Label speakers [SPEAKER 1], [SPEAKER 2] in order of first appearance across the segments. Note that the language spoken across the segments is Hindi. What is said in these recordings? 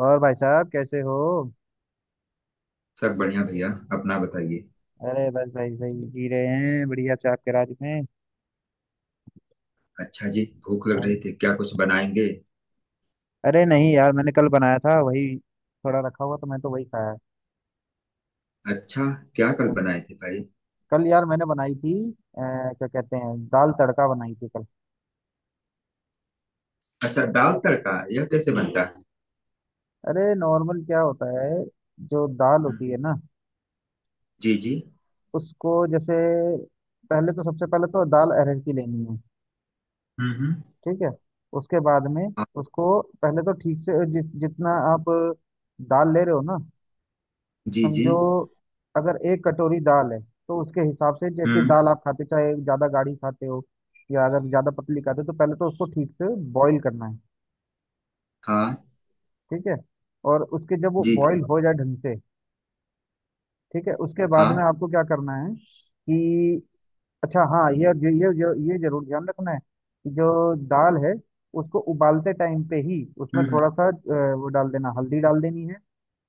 [SPEAKER 1] और भाई साहब कैसे हो?
[SPEAKER 2] सब बढ़िया भैया। अपना बताइए।
[SPEAKER 1] अरे बस भाई भाई जी रहे हैं बढ़िया से आपके राज में।
[SPEAKER 2] अच्छा जी, भूख लग रही
[SPEAKER 1] हाँ।
[SPEAKER 2] थी क्या? कुछ बनाएंगे?
[SPEAKER 1] अरे नहीं यार, मैंने कल बनाया था वही थोड़ा रखा हुआ, तो मैं तो वही खाया।
[SPEAKER 2] अच्छा। क्या कल
[SPEAKER 1] हाँ।
[SPEAKER 2] बनाए थे भाई?
[SPEAKER 1] कल यार मैंने बनाई थी क्या कहते हैं, दाल तड़का बनाई थी कल।
[SPEAKER 2] अच्छा, दाल तड़का यह कैसे
[SPEAKER 1] हम्म।
[SPEAKER 2] बनता है?
[SPEAKER 1] अरे नॉर्मल क्या होता है, जो दाल
[SPEAKER 2] हम्म।
[SPEAKER 1] होती है ना
[SPEAKER 2] जी जी।
[SPEAKER 1] उसको, जैसे पहले तो, सबसे पहले तो दाल अरहर की लेनी है।
[SPEAKER 2] हम्म।
[SPEAKER 1] ठीक है। उसके बाद में
[SPEAKER 2] हाँ।
[SPEAKER 1] उसको पहले तो ठीक से जितना आप दाल ले रहे हो ना,
[SPEAKER 2] जी जी।
[SPEAKER 1] समझो अगर एक कटोरी दाल है तो उसके हिसाब से, जैसे
[SPEAKER 2] हम्म।
[SPEAKER 1] दाल आप खाते, चाहे ज्यादा गाढ़ी खाते हो या अगर ज्यादा पतली खाते हो, तो पहले तो उसको ठीक से बॉईल करना है।
[SPEAKER 2] हाँ।
[SPEAKER 1] ठीक है। और उसके जब वो
[SPEAKER 2] जी जी।
[SPEAKER 1] बॉईल हो जाए ढंग से, ठीक है, उसके बाद में
[SPEAKER 2] हाँ।
[SPEAKER 1] आपको क्या करना है कि, अच्छा हाँ, ये जरूर ध्यान रखना है कि जो दाल है उसको उबालते टाइम पे ही उसमें
[SPEAKER 2] हम्म
[SPEAKER 1] थोड़ा सा वो डाल देना, हल्दी डाल देनी है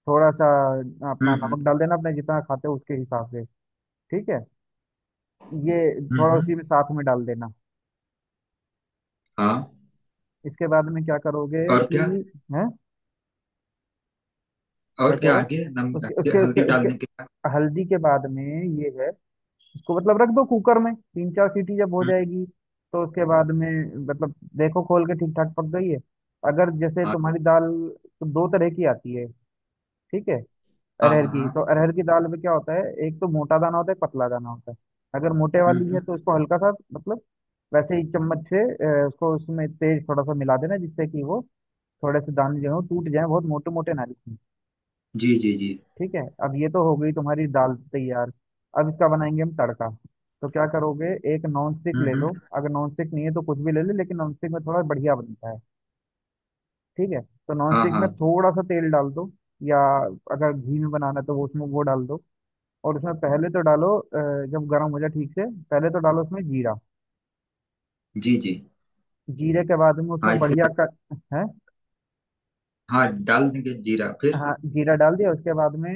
[SPEAKER 1] थोड़ा सा।
[SPEAKER 2] हम्म।
[SPEAKER 1] अपना नमक डाल देना अपने जितना खाते हो उसके हिसाब से। ठीक है। ये
[SPEAKER 2] हम्म।
[SPEAKER 1] थोड़ा
[SPEAKER 2] हम्म।
[SPEAKER 1] उसी में साथ में डाल देना।
[SPEAKER 2] हाँ।
[SPEAKER 1] इसके बाद में क्या करोगे
[SPEAKER 2] और क्या?
[SPEAKER 1] कि, है, क्या
[SPEAKER 2] और
[SPEAKER 1] कह
[SPEAKER 2] क्या
[SPEAKER 1] रहे हो,
[SPEAKER 2] आगे नम
[SPEAKER 1] उसके उसके उसके
[SPEAKER 2] हल्दी
[SPEAKER 1] उसके
[SPEAKER 2] डालने के बाद?
[SPEAKER 1] हल्दी के बाद में ये है। इसको मतलब रख दो कुकर में, तीन चार सीटी जब हो
[SPEAKER 2] हम्म।
[SPEAKER 1] जाएगी तो उसके बाद में मतलब देखो खोल के ठीक ठाक पक गई है। अगर जैसे
[SPEAKER 2] हाँ
[SPEAKER 1] तुम्हारी दाल तो दो तरह की आती है। ठीक है।
[SPEAKER 2] हाँ
[SPEAKER 1] अरहर
[SPEAKER 2] हाँ।
[SPEAKER 1] की, तो
[SPEAKER 2] हाँ।
[SPEAKER 1] अरहर की दाल में क्या होता है, एक तो मोटा दाना होता है, एक पतला दाना होता है। अगर मोटे
[SPEAKER 2] हम्म
[SPEAKER 1] वाली है तो
[SPEAKER 2] हम्म।
[SPEAKER 1] उसको हल्का सा मतलब वैसे ही चम्मच से उसको उसमें तेज थोड़ा सा मिला देना, जिससे कि वो थोड़े से दाने जो हो टूट जाए, बहुत मोटे मोटे ना लिखें।
[SPEAKER 2] जी जी जी।
[SPEAKER 1] ठीक है। अब ये तो हो गई तुम्हारी दाल तैयार। अब इसका बनाएंगे हम तड़का। तो क्या करोगे, एक नॉन स्टिक
[SPEAKER 2] हम्म
[SPEAKER 1] ले
[SPEAKER 2] हम्म।
[SPEAKER 1] लो, अगर नॉन स्टिक नहीं है तो कुछ भी ले लो, लेकिन नॉन स्टिक में थोड़ा बढ़िया बनता है। ठीक है। तो नॉन
[SPEAKER 2] हाँ
[SPEAKER 1] स्टिक में
[SPEAKER 2] हाँ।
[SPEAKER 1] थोड़ा सा तेल डाल दो, या अगर घी में बनाना है तो वो उसमें वो डाल दो। और उसमें पहले तो डालो जब गर्म हो जाए ठीक से, पहले तो डालो उसमें जीरा।
[SPEAKER 2] जी जी।
[SPEAKER 1] जीरे के बाद में
[SPEAKER 2] हाँ
[SPEAKER 1] उसमें
[SPEAKER 2] इसे।
[SPEAKER 1] बढ़िया का है,
[SPEAKER 2] हाँ, डाल देंगे जीरा फिर।
[SPEAKER 1] हाँ जीरा डाल दिया उसके बाद में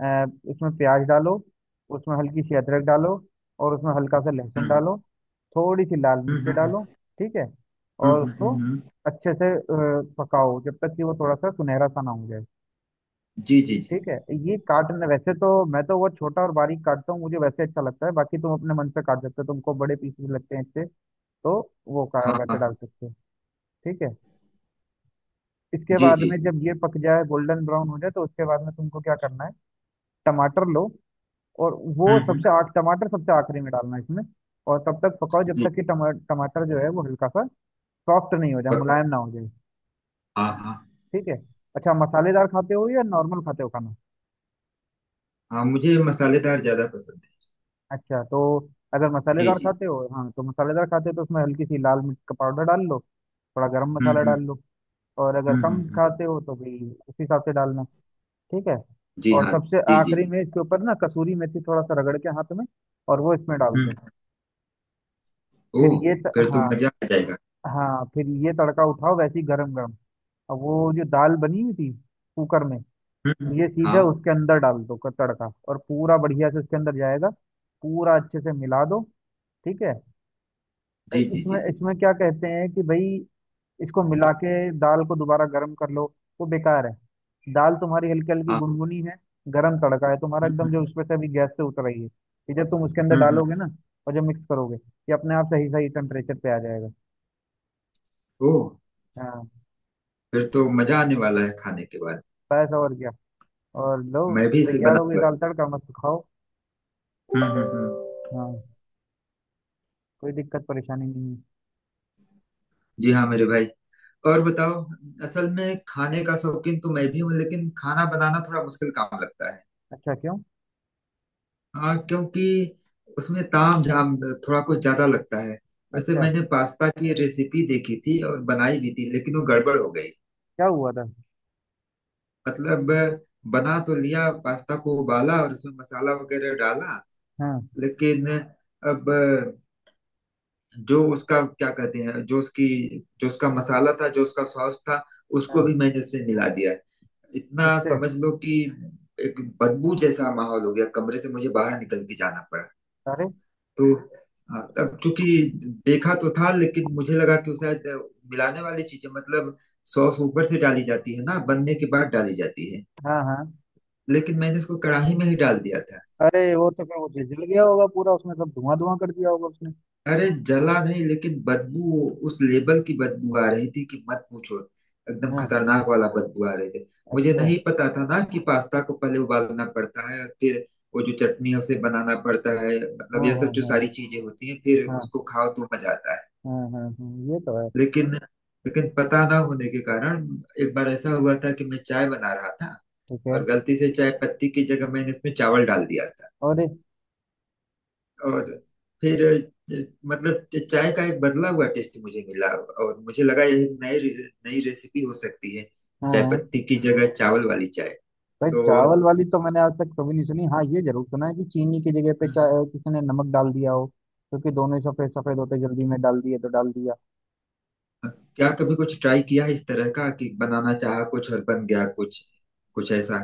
[SPEAKER 1] अ, उसमें प्याज डालो, उसमें हल्की सी अदरक डालो, और उसमें हल्का सा लहसुन
[SPEAKER 2] हम्म
[SPEAKER 1] डालो, थोड़ी सी लाल मिर्च
[SPEAKER 2] हम्म। हम्म
[SPEAKER 1] डालो। ठीक है।
[SPEAKER 2] हम्म।
[SPEAKER 1] और
[SPEAKER 2] हम्म
[SPEAKER 1] उसको
[SPEAKER 2] हम्म।
[SPEAKER 1] अच्छे से पकाओ जब तक कि वो थोड़ा सा सुनहरा सा ना हो जाए।
[SPEAKER 2] जी जी जी।
[SPEAKER 1] ठीक है। ये काटने वैसे तो, मैं तो वो छोटा और बारीक काटता हूँ, मुझे वैसे अच्छा लगता है, बाकी तुम अपने मन से काट सकते हो, तुमको बड़े पीस भी लगते हैं इससे तो वो का
[SPEAKER 2] हाँ
[SPEAKER 1] वैसे
[SPEAKER 2] हाँ।
[SPEAKER 1] डाल सकते हो। ठीक है। इसके
[SPEAKER 2] जी
[SPEAKER 1] बाद में
[SPEAKER 2] जी।
[SPEAKER 1] जब ये पक जाए, गोल्डन ब्राउन हो जाए, तो उसके बाद में तुमको क्या करना है, टमाटर लो। और वो
[SPEAKER 2] हम्म।
[SPEAKER 1] सबसे आख टमाटर सबसे आखिरी में डालना है इसमें। और तब तक पकाओ जब
[SPEAKER 2] जी।
[SPEAKER 1] तक कि टमाटर जो है वो हल्का सा सॉफ्ट नहीं हो जाए,
[SPEAKER 2] पक।
[SPEAKER 1] मुलायम ना हो जाए।
[SPEAKER 2] हाँ हाँ।
[SPEAKER 1] ठीक है। अच्छा, मसालेदार खाते हो या नॉर्मल खाते हो खाना?
[SPEAKER 2] हाँ, मुझे मसालेदार ज्यादा पसंद
[SPEAKER 1] अच्छा तो, अगर
[SPEAKER 2] है।
[SPEAKER 1] मसालेदार
[SPEAKER 2] जी जी।
[SPEAKER 1] खाते हो, हाँ तो मसालेदार खाते हो तो उसमें हल्की सी लाल मिर्च का पाउडर डाल लो, थोड़ा गरम मसाला
[SPEAKER 2] हम्म।
[SPEAKER 1] डाल लो। और अगर कम
[SPEAKER 2] हम्म।
[SPEAKER 1] खाते हो तो भाई उस हिसाब से डालना। ठीक है।
[SPEAKER 2] जी
[SPEAKER 1] और
[SPEAKER 2] हाँ।
[SPEAKER 1] सबसे
[SPEAKER 2] जी जी।
[SPEAKER 1] आखिरी में इसके ऊपर ना कसूरी मेथी थोड़ा सा रगड़ के हाथ में और वो इसमें डाल
[SPEAKER 2] हम्म।
[SPEAKER 1] दो। फिर
[SPEAKER 2] ओह,
[SPEAKER 1] ये
[SPEAKER 2] फिर तो
[SPEAKER 1] हाँ,
[SPEAKER 2] मजा आ जाएगा।
[SPEAKER 1] हाँ फिर ये तड़का उठाओ वैसे ही गरम गरम। अब वो जो दाल बनी हुई थी कुकर में,
[SPEAKER 2] हम्म।
[SPEAKER 1] ये सीधे
[SPEAKER 2] हाँ।
[SPEAKER 1] उसके अंदर डाल दो, तड़का और पूरा बढ़िया से उसके अंदर जाएगा। पूरा अच्छे से मिला दो। ठीक है।
[SPEAKER 2] जी जी
[SPEAKER 1] इसमें
[SPEAKER 2] जी।
[SPEAKER 1] इसमें क्या कहते हैं कि भाई, इसको मिला के दाल को दोबारा गर्म कर लो, वो बेकार है। दाल तुम्हारी हल्की हल्की
[SPEAKER 2] हाँ।
[SPEAKER 1] गुनगुनी है, गरम तड़का है तुम्हारा एकदम, जो
[SPEAKER 2] हम्म।
[SPEAKER 1] उसमें से अभी गैस से उतर रही है। ये जब तुम उसके अंदर
[SPEAKER 2] हम्म।
[SPEAKER 1] डालोगे ना, और जब मिक्स करोगे, ये अपने आप सही सही टेम्परेचर पे आ जाएगा।
[SPEAKER 2] ओह,
[SPEAKER 1] हाँ।
[SPEAKER 2] फिर तो मजा आने वाला है खाने के बाद।
[SPEAKER 1] बस और क्या। और लो,
[SPEAKER 2] मैं भी इसे
[SPEAKER 1] तैयार हो गई
[SPEAKER 2] बनाऊंगा।
[SPEAKER 1] दाल तड़का, मस्त खाओ।
[SPEAKER 2] हम्म हम्म।
[SPEAKER 1] हाँ, कोई दिक्कत परेशानी नहीं है।
[SPEAKER 2] जी हाँ मेरे भाई। और बताओ। असल में खाने का शौकीन तो मैं भी हूँ, लेकिन खाना बनाना थोड़ा मुश्किल काम लगता है।
[SPEAKER 1] अच्छा, क्यों?
[SPEAKER 2] हाँ, क्योंकि उसमें ताम झाम थोड़ा कुछ ज्यादा लगता है। वैसे
[SPEAKER 1] अच्छा,
[SPEAKER 2] मैंने पास्ता की रेसिपी देखी थी और बनाई भी थी, लेकिन वो गड़बड़ हो गई।
[SPEAKER 1] क्या हुआ था?
[SPEAKER 2] मतलब, बना तो लिया, पास्ता को उबाला और उसमें मसाला वगैरह डाला,
[SPEAKER 1] हाँ।
[SPEAKER 2] लेकिन अब जो उसका क्या कहते हैं, जो उसकी, जो उसका मसाला था, जो उसका सॉस था, उसको
[SPEAKER 1] हाँ।
[SPEAKER 2] भी मैंने उसमें मिला दिया। इतना
[SPEAKER 1] किससे?
[SPEAKER 2] समझ लो कि एक बदबू जैसा माहौल हो गया, कमरे से मुझे बाहर निकल के जाना पड़ा।
[SPEAKER 1] अरे।
[SPEAKER 2] तो अब चूंकि देखा तो था, लेकिन मुझे लगा कि वो शायद मिलाने वाली चीजें, मतलब सॉस ऊपर से डाली जाती है ना, बनने के बाद डाली जाती है,
[SPEAKER 1] हाँ। हाँ।
[SPEAKER 2] लेकिन मैंने इसको कढ़ाई में ही डाल दिया था।
[SPEAKER 1] अरे वो तो फिर वो जल जल गया होगा पूरा, उसमें सब धुआं धुआं कर दिया होगा उसने।
[SPEAKER 2] अरे जला नहीं, लेकिन बदबू, उस लेबल की बदबू आ रही थी कि मत पूछो। एकदम
[SPEAKER 1] हाँ।
[SPEAKER 2] खतरनाक वाला बदबू आ रही थी। मुझे
[SPEAKER 1] अच्छा।
[SPEAKER 2] नहीं पता था ना कि पास्ता को पहले उबालना पड़ता है, फिर वो जो चटनी है उसे बनाना पड़ता है, मतलब
[SPEAKER 1] हाँ।
[SPEAKER 2] यह सब
[SPEAKER 1] हाँ
[SPEAKER 2] जो
[SPEAKER 1] हाँ
[SPEAKER 2] सारी चीजें होती हैं, फिर
[SPEAKER 1] हाँ।
[SPEAKER 2] उसको खाओ तो मजा आता है।
[SPEAKER 1] हाँ हाँ हाँ, ये तो है।
[SPEAKER 2] लेकिन, लेकिन पता ना होने के कारण एक बार ऐसा हुआ था कि मैं चाय बना रहा था,
[SPEAKER 1] ठीक है।
[SPEAKER 2] और गलती से चाय पत्ती की जगह मैंने इसमें चावल डाल दिया था।
[SPEAKER 1] और
[SPEAKER 2] और फिर मतलब चाय का एक बदला हुआ टेस्ट मुझे मिला, और मुझे लगा यह एक नई नई रेसिपी हो सकती है।
[SPEAKER 1] हाँ।
[SPEAKER 2] चाय
[SPEAKER 1] हाँ।
[SPEAKER 2] पत्ती की जगह चावल वाली चाय।
[SPEAKER 1] भाई
[SPEAKER 2] तो
[SPEAKER 1] चावल वाली तो मैंने आज तक कभी नहीं सुनी। हाँ ये जरूर सुना है कि चीनी की जगह पे किसी ने नमक डाल दिया हो, क्योंकि दोनों ही सफेद सफेद होते जल्दी में डाल दिए तो डाल दिया।
[SPEAKER 2] क्या कभी कुछ ट्राई किया है इस तरह का कि बनाना चाहा कुछ और बन गया कुछ, कुछ ऐसा?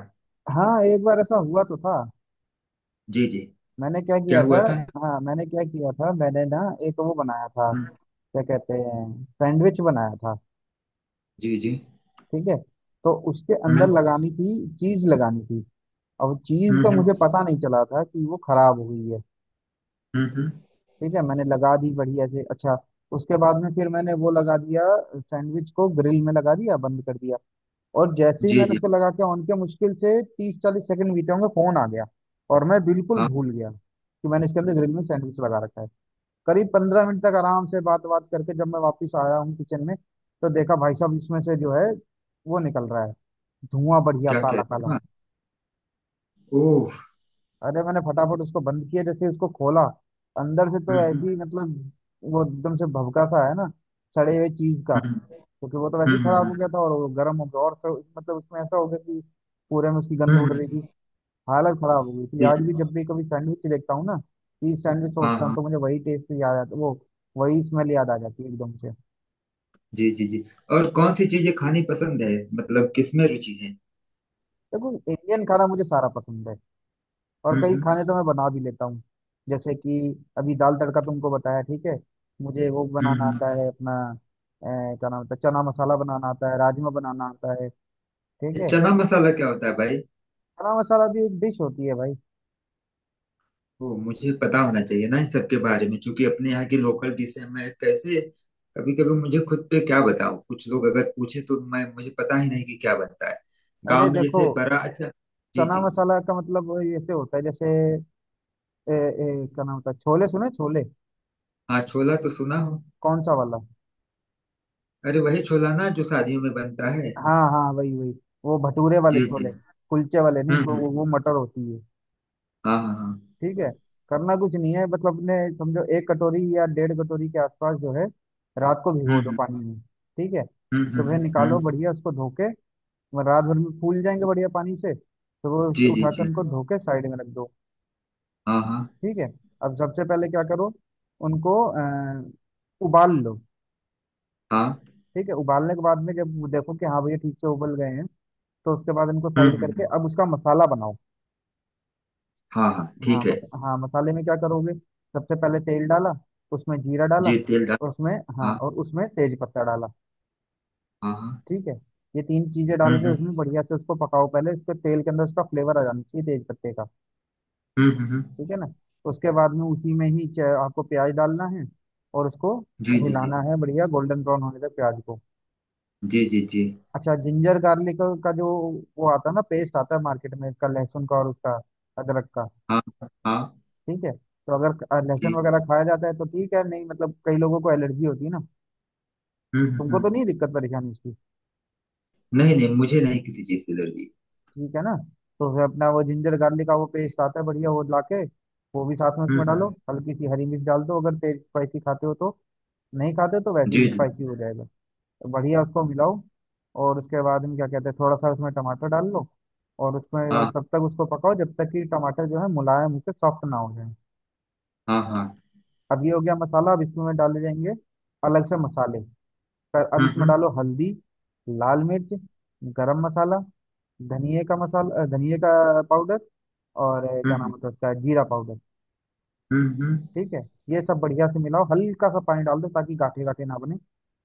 [SPEAKER 1] हाँ, एक बार ऐसा हुआ तो था।
[SPEAKER 2] जी जी।
[SPEAKER 1] मैंने क्या
[SPEAKER 2] क्या
[SPEAKER 1] किया था,
[SPEAKER 2] हुआ था?
[SPEAKER 1] हाँ मैंने क्या किया था, मैंने ना एक वो बनाया था,
[SPEAKER 2] हम्म।
[SPEAKER 1] क्या कहते हैं, सैंडविच बनाया था।
[SPEAKER 2] जी जी।
[SPEAKER 1] ठीक है। तो उसके अंदर
[SPEAKER 2] हम्म
[SPEAKER 1] लगानी थी, चीज लगानी थी। अब चीज
[SPEAKER 2] हम्म।
[SPEAKER 1] का मुझे
[SPEAKER 2] हम्म।
[SPEAKER 1] पता नहीं चला था कि वो खराब हुई है।
[SPEAKER 2] हम्म।
[SPEAKER 1] ठीक है, मैंने लगा दी बढ़िया से। अच्छा, उसके बाद में फिर मैंने वो लगा दिया, सैंडविच को ग्रिल में लगा दिया, बंद कर दिया। और जैसे ही
[SPEAKER 2] जी
[SPEAKER 1] मैंने
[SPEAKER 2] जी।
[SPEAKER 1] उसको लगा के ऑन किया, मुश्किल से 30-40 सेकंड बीते होंगे, फोन आ गया। और मैं बिल्कुल
[SPEAKER 2] आप।
[SPEAKER 1] भूल गया कि मैंने इसके अंदर ग्रिल में सैंडविच लगा रखा है। करीब 15 मिनट तक आराम से बात बात करके जब मैं वापस आया हूँ किचन में, तो देखा भाई साहब इसमें से जो है वो निकल रहा है, धुआं बढ़िया
[SPEAKER 2] क्या कह
[SPEAKER 1] काला काला।
[SPEAKER 2] रहे हैं? ओह।
[SPEAKER 1] अरे मैंने फटाफट उसको बंद किया, जैसे उसको खोला, अंदर से तो ऐसी
[SPEAKER 2] हम्म।
[SPEAKER 1] मतलब, वो एकदम से भभका सा है ना सड़े हुए चीज का,
[SPEAKER 2] हम्म
[SPEAKER 1] क्योंकि वो तो वैसे ही
[SPEAKER 2] हम्म।
[SPEAKER 1] खराब हो
[SPEAKER 2] हम्म
[SPEAKER 1] गया था और वो गर्म हो गया, और तो मतलब उसमें ऐसा हो गया कि पूरे में उसकी
[SPEAKER 2] हम्म।
[SPEAKER 1] गंध
[SPEAKER 2] हम्म।
[SPEAKER 1] उड़
[SPEAKER 2] हम्म।
[SPEAKER 1] रही थी। हालत खराब हो गई थी।
[SPEAKER 2] जी
[SPEAKER 1] आज
[SPEAKER 2] जी।
[SPEAKER 1] भी जब भी कभी सैंडविच देखता हूँ ना, कि सैंडविच
[SPEAKER 2] हाँ
[SPEAKER 1] सोचता हूँ,
[SPEAKER 2] हाँ।
[SPEAKER 1] तो मुझे वही टेस्ट याद आता वो, वही स्मेल याद आ जाती है एकदम से।
[SPEAKER 2] जी जी जी। और कौन सी चीजें खानी पसंद है? मतलब किसमें रुचि है?
[SPEAKER 1] देखो, इंडियन खाना मुझे सारा पसंद है। और कई
[SPEAKER 2] हम्म।
[SPEAKER 1] खाने तो मैं बना भी लेता हूँ, जैसे कि अभी दाल तड़का तुमको बताया। ठीक है। मुझे वो
[SPEAKER 2] हम्म
[SPEAKER 1] बनाना
[SPEAKER 2] हम्म।
[SPEAKER 1] आता है अपना क्या नाम होता है, चना मसाला बनाना आता है, राजमा बनाना आता है। ठीक
[SPEAKER 2] ये
[SPEAKER 1] है।
[SPEAKER 2] चना मसाला क्या होता है भाई?
[SPEAKER 1] चना मसाला भी एक डिश होती है भाई।
[SPEAKER 2] ओ, मुझे पता होना चाहिए ना इन सबके बारे में, क्योंकि अपने यहाँ की लोकल डिश है। मैं कैसे, कभी कभी मुझे खुद पे क्या बताऊं, कुछ लोग अगर पूछे तो मैं, मुझे पता ही नहीं कि क्या बनता है।
[SPEAKER 1] अरे
[SPEAKER 2] गांव में
[SPEAKER 1] देखो,
[SPEAKER 2] जैसे बड़ा अच्छा। जी
[SPEAKER 1] चना
[SPEAKER 2] जी।
[SPEAKER 1] मसाला का मतलब वो ऐसे होता है जैसे ए, ए, क्या नाम होता है, छोले, सुने छोले?
[SPEAKER 2] हाँ, छोला तो सुना हूँ।
[SPEAKER 1] कौन सा वाला?
[SPEAKER 2] अरे वही छोला ना जो शादियों में बनता है।
[SPEAKER 1] हाँ हाँ वही वही, वो भटूरे वाले
[SPEAKER 2] जी
[SPEAKER 1] छोले,
[SPEAKER 2] जी।
[SPEAKER 1] कुलचे वाले नहीं तो
[SPEAKER 2] हम्म।
[SPEAKER 1] वो मटर होती है।
[SPEAKER 2] हाँ हाँ हाँ।
[SPEAKER 1] ठीक है। करना कुछ नहीं है, मतलब अपने समझो एक कटोरी या डेढ़ कटोरी के आसपास जो है, रात को भिगो दो
[SPEAKER 2] हम्म।
[SPEAKER 1] पानी में। ठीक है।
[SPEAKER 2] हम्म।
[SPEAKER 1] सुबह
[SPEAKER 2] हम्म।
[SPEAKER 1] निकालो
[SPEAKER 2] हम्म।
[SPEAKER 1] बढ़िया उसको धो के, वह रात भर में फूल जाएंगे बढ़िया पानी से, तो वो
[SPEAKER 2] जी जी
[SPEAKER 1] उठाकर
[SPEAKER 2] जी।
[SPEAKER 1] उनको धो के साइड में रख दो।
[SPEAKER 2] हाँ हाँ
[SPEAKER 1] ठीक है। अब सबसे पहले क्या करो, उनको उबाल लो।
[SPEAKER 2] हाँ।
[SPEAKER 1] ठीक है, उबालने के बाद में जब देखो कि हाँ भैया ठीक से उबल गए हैं, तो उसके बाद इनको साइड
[SPEAKER 2] हम्म।
[SPEAKER 1] करके
[SPEAKER 2] हम्म।
[SPEAKER 1] अब उसका मसाला बनाओ।
[SPEAKER 2] हाँ हाँ
[SPEAKER 1] हाँ
[SPEAKER 2] ठीक है।
[SPEAKER 1] हाँ मसाले में क्या करोगे, सबसे पहले तेल डाला, उसमें जीरा डाला,
[SPEAKER 2] जी, तेल डाल।
[SPEAKER 1] और उसमें, हाँ
[SPEAKER 2] हाँ
[SPEAKER 1] और उसमें तेज पत्ता डाला।
[SPEAKER 2] हाँ हाँ।
[SPEAKER 1] ठीक है। ये तीन चीजें डाल के उसमें
[SPEAKER 2] हम्म।
[SPEAKER 1] बढ़िया से उसको पकाओ, पहले उसके तेल के अंदर उसका फ्लेवर आ जाना चाहिए तेज पत्ते का।
[SPEAKER 2] हम्म। हम्म।
[SPEAKER 1] ठीक है ना। उसके बाद में उसी में ही आपको प्याज डालना है और उसको
[SPEAKER 2] जी जी जी।
[SPEAKER 1] हिलाना है बढ़िया गोल्डन ब्राउन होने तक प्याज को।
[SPEAKER 2] जी जी जी।
[SPEAKER 1] अच्छा, जिंजर गार्लिक का जो वो आता है ना, पेस्ट आता है मार्केट में इसका, लहसुन का और उसका अदरक का।
[SPEAKER 2] हाँ हाँ।
[SPEAKER 1] ठीक है, तो अगर लहसुन
[SPEAKER 2] जी।
[SPEAKER 1] वगैरह खाया जाता है तो ठीक है, नहीं मतलब कई लोगों को एलर्जी होती है ना।
[SPEAKER 2] हम्म।
[SPEAKER 1] तुमको तो
[SPEAKER 2] हम्म।
[SPEAKER 1] नहीं दिक्कत परेशानी इसकी?
[SPEAKER 2] नहीं नहीं, मुझे नहीं किसी चीज़ से एलर्जी।
[SPEAKER 1] ठीक है ना। तो फिर अपना वो जिंजर गार्लिक का वो पेस्ट आता है बढ़िया, वो ला के वो भी साथ में उसमें डालो,
[SPEAKER 2] हम्म।
[SPEAKER 1] हल्की सी हरी मिर्च डाल दो अगर तेज स्पाइसी खाते हो तो। नहीं खाते हो तो वैसे
[SPEAKER 2] जी
[SPEAKER 1] ही
[SPEAKER 2] जी।
[SPEAKER 1] स्पाइसी हो जाएगा। तो बढ़िया उसको मिलाओ, और उसके बाद में क्या कहते हैं, थोड़ा सा उसमें टमाटर डाल लो, और उसमें
[SPEAKER 2] हाँ
[SPEAKER 1] तब तक उसको पकाओ जब तक कि टमाटर जो है मुलायम होकर सॉफ्ट ना हो जाए।
[SPEAKER 2] हाँ हाँ।
[SPEAKER 1] अब ये हो गया मसाला, अब इसमें डाले जाएंगे अलग से मसाले। पर अब
[SPEAKER 2] हम्म
[SPEAKER 1] इसमें
[SPEAKER 2] हम्म
[SPEAKER 1] डालो हल्दी, लाल मिर्च, गरम मसाला, धनिए का मसाला, धनिए का पाउडर, और क्या नाम
[SPEAKER 2] हम्म।
[SPEAKER 1] होता है उसका, जीरा पाउडर।
[SPEAKER 2] हम्म। हम्म।
[SPEAKER 1] ठीक है। ये सब बढ़िया से मिलाओ, हल्का सा पानी डाल दो ताकि गाठे गाठे ना बने।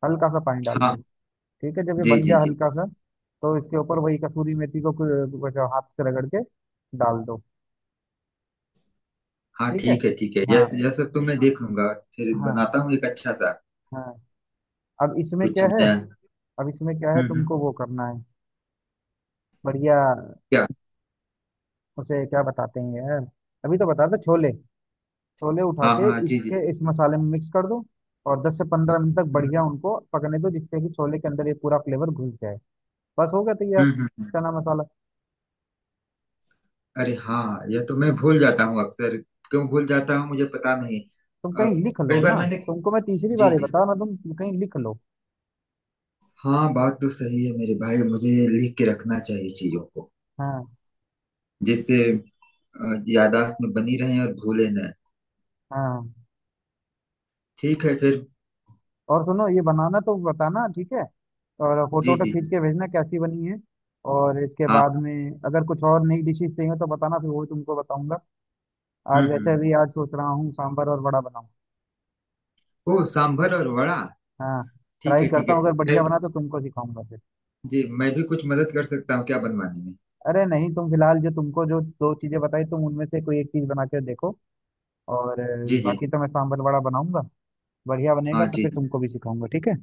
[SPEAKER 1] हल्का सा पानी डाल
[SPEAKER 2] हाँ।
[SPEAKER 1] दो। ठीक है, जब ये
[SPEAKER 2] जी
[SPEAKER 1] बन
[SPEAKER 2] जी
[SPEAKER 1] जाए
[SPEAKER 2] जी।
[SPEAKER 1] हल्का सा, तो इसके ऊपर वही कसूरी मेथी को कुछ हाथ से रगड़ के डाल दो।
[SPEAKER 2] हाँ,
[SPEAKER 1] ठीक है।
[SPEAKER 2] ठीक है ठीक है,
[SPEAKER 1] हाँ।
[SPEAKER 2] यह सब तो मैं देख लूंगा, फिर
[SPEAKER 1] हाँ।
[SPEAKER 2] बनाता हूँ एक अच्छा सा
[SPEAKER 1] हाँ। अब इसमें
[SPEAKER 2] कुछ
[SPEAKER 1] क्या है,
[SPEAKER 2] नया।
[SPEAKER 1] अब इसमें क्या है तुमको
[SPEAKER 2] हम्म।
[SPEAKER 1] वो करना है, बढ़िया,
[SPEAKER 2] क्या?
[SPEAKER 1] उसे क्या बताते हैं यार, अभी तो बता दो, छोले। छोले उठा
[SPEAKER 2] हाँ
[SPEAKER 1] के
[SPEAKER 2] हाँ। जी जी।
[SPEAKER 1] इसके इस मसाले में मिक्स कर दो, और 10 से 15 मिनट तक
[SPEAKER 2] हम्म
[SPEAKER 1] बढ़िया उनको पकने दो जिससे कि छोले के अंदर ये पूरा फ्लेवर घुस जाए। बस हो गया तैयार,
[SPEAKER 2] हम्म। हम्म।
[SPEAKER 1] चना मसाला।
[SPEAKER 2] अरे हाँ, यह तो मैं भूल जाता हूँ अक्सर। क्यों भूल जाता हूँ मुझे पता नहीं।
[SPEAKER 1] तुम
[SPEAKER 2] अ,
[SPEAKER 1] कहीं लिख लो
[SPEAKER 2] कई
[SPEAKER 1] ना,
[SPEAKER 2] बार मैंने।
[SPEAKER 1] तुमको मैं तीसरी
[SPEAKER 2] जी
[SPEAKER 1] बार ही
[SPEAKER 2] जी।
[SPEAKER 1] बता रहा हूं, तुम कहीं लिख लो।
[SPEAKER 2] हाँ, बात तो सही है मेरे भाई, मुझे लिख के रखना चाहिए चीजों को,
[SPEAKER 1] हाँ।
[SPEAKER 2] जिससे याददाश्त में बनी रहे और भूले न।
[SPEAKER 1] हाँ।
[SPEAKER 2] ठीक है फिर।
[SPEAKER 1] और सुनो ये बनाना तो बताना ठीक है, और फोटो
[SPEAKER 2] जी
[SPEAKER 1] वोटो
[SPEAKER 2] जी
[SPEAKER 1] खींच
[SPEAKER 2] जी।
[SPEAKER 1] के भेजना कैसी बनी है। और इसके
[SPEAKER 2] हाँ।
[SPEAKER 1] बाद में अगर कुछ और नई डिशेस चाहिए तो बताना, फिर वो भी तुमको बताऊंगा। आज वैसे
[SPEAKER 2] हम्म।
[SPEAKER 1] भी आज सोच रहा हूँ सांभर और बड़ा बनाऊं।
[SPEAKER 2] ओ, सांभर और वड़ा।
[SPEAKER 1] हाँ,
[SPEAKER 2] ठीक
[SPEAKER 1] ट्राई
[SPEAKER 2] है ठीक
[SPEAKER 1] करता
[SPEAKER 2] है।
[SPEAKER 1] हूँ, अगर
[SPEAKER 2] मैं,
[SPEAKER 1] बढ़िया बना तो तुमको सिखाऊंगा फिर।
[SPEAKER 2] जी मैं भी कुछ मदद कर सकता हूँ क्या बनवाने में?
[SPEAKER 1] अरे नहीं, तुम फिलहाल जो तुमको जो दो चीजें बताई तुम उनमें से कोई एक चीज बना के देखो, और
[SPEAKER 2] जी जी।
[SPEAKER 1] बाकी तो मैं सांभर वड़ा बनाऊंगा, बढ़िया बनेगा
[SPEAKER 2] हाँ
[SPEAKER 1] तो
[SPEAKER 2] जी
[SPEAKER 1] फिर
[SPEAKER 2] जी।
[SPEAKER 1] तुमको भी सिखाऊंगा, ठीक है।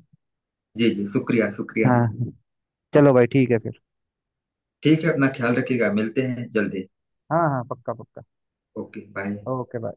[SPEAKER 2] जी जी, शुक्रिया शुक्रिया।
[SPEAKER 1] हाँ। चलो भाई, ठीक है फिर।
[SPEAKER 2] ठीक है, अपना ख्याल रखिएगा, मिलते हैं जल्दी।
[SPEAKER 1] हाँ हाँ, पक्का पक्का।
[SPEAKER 2] Okay bye.
[SPEAKER 1] Okay bye.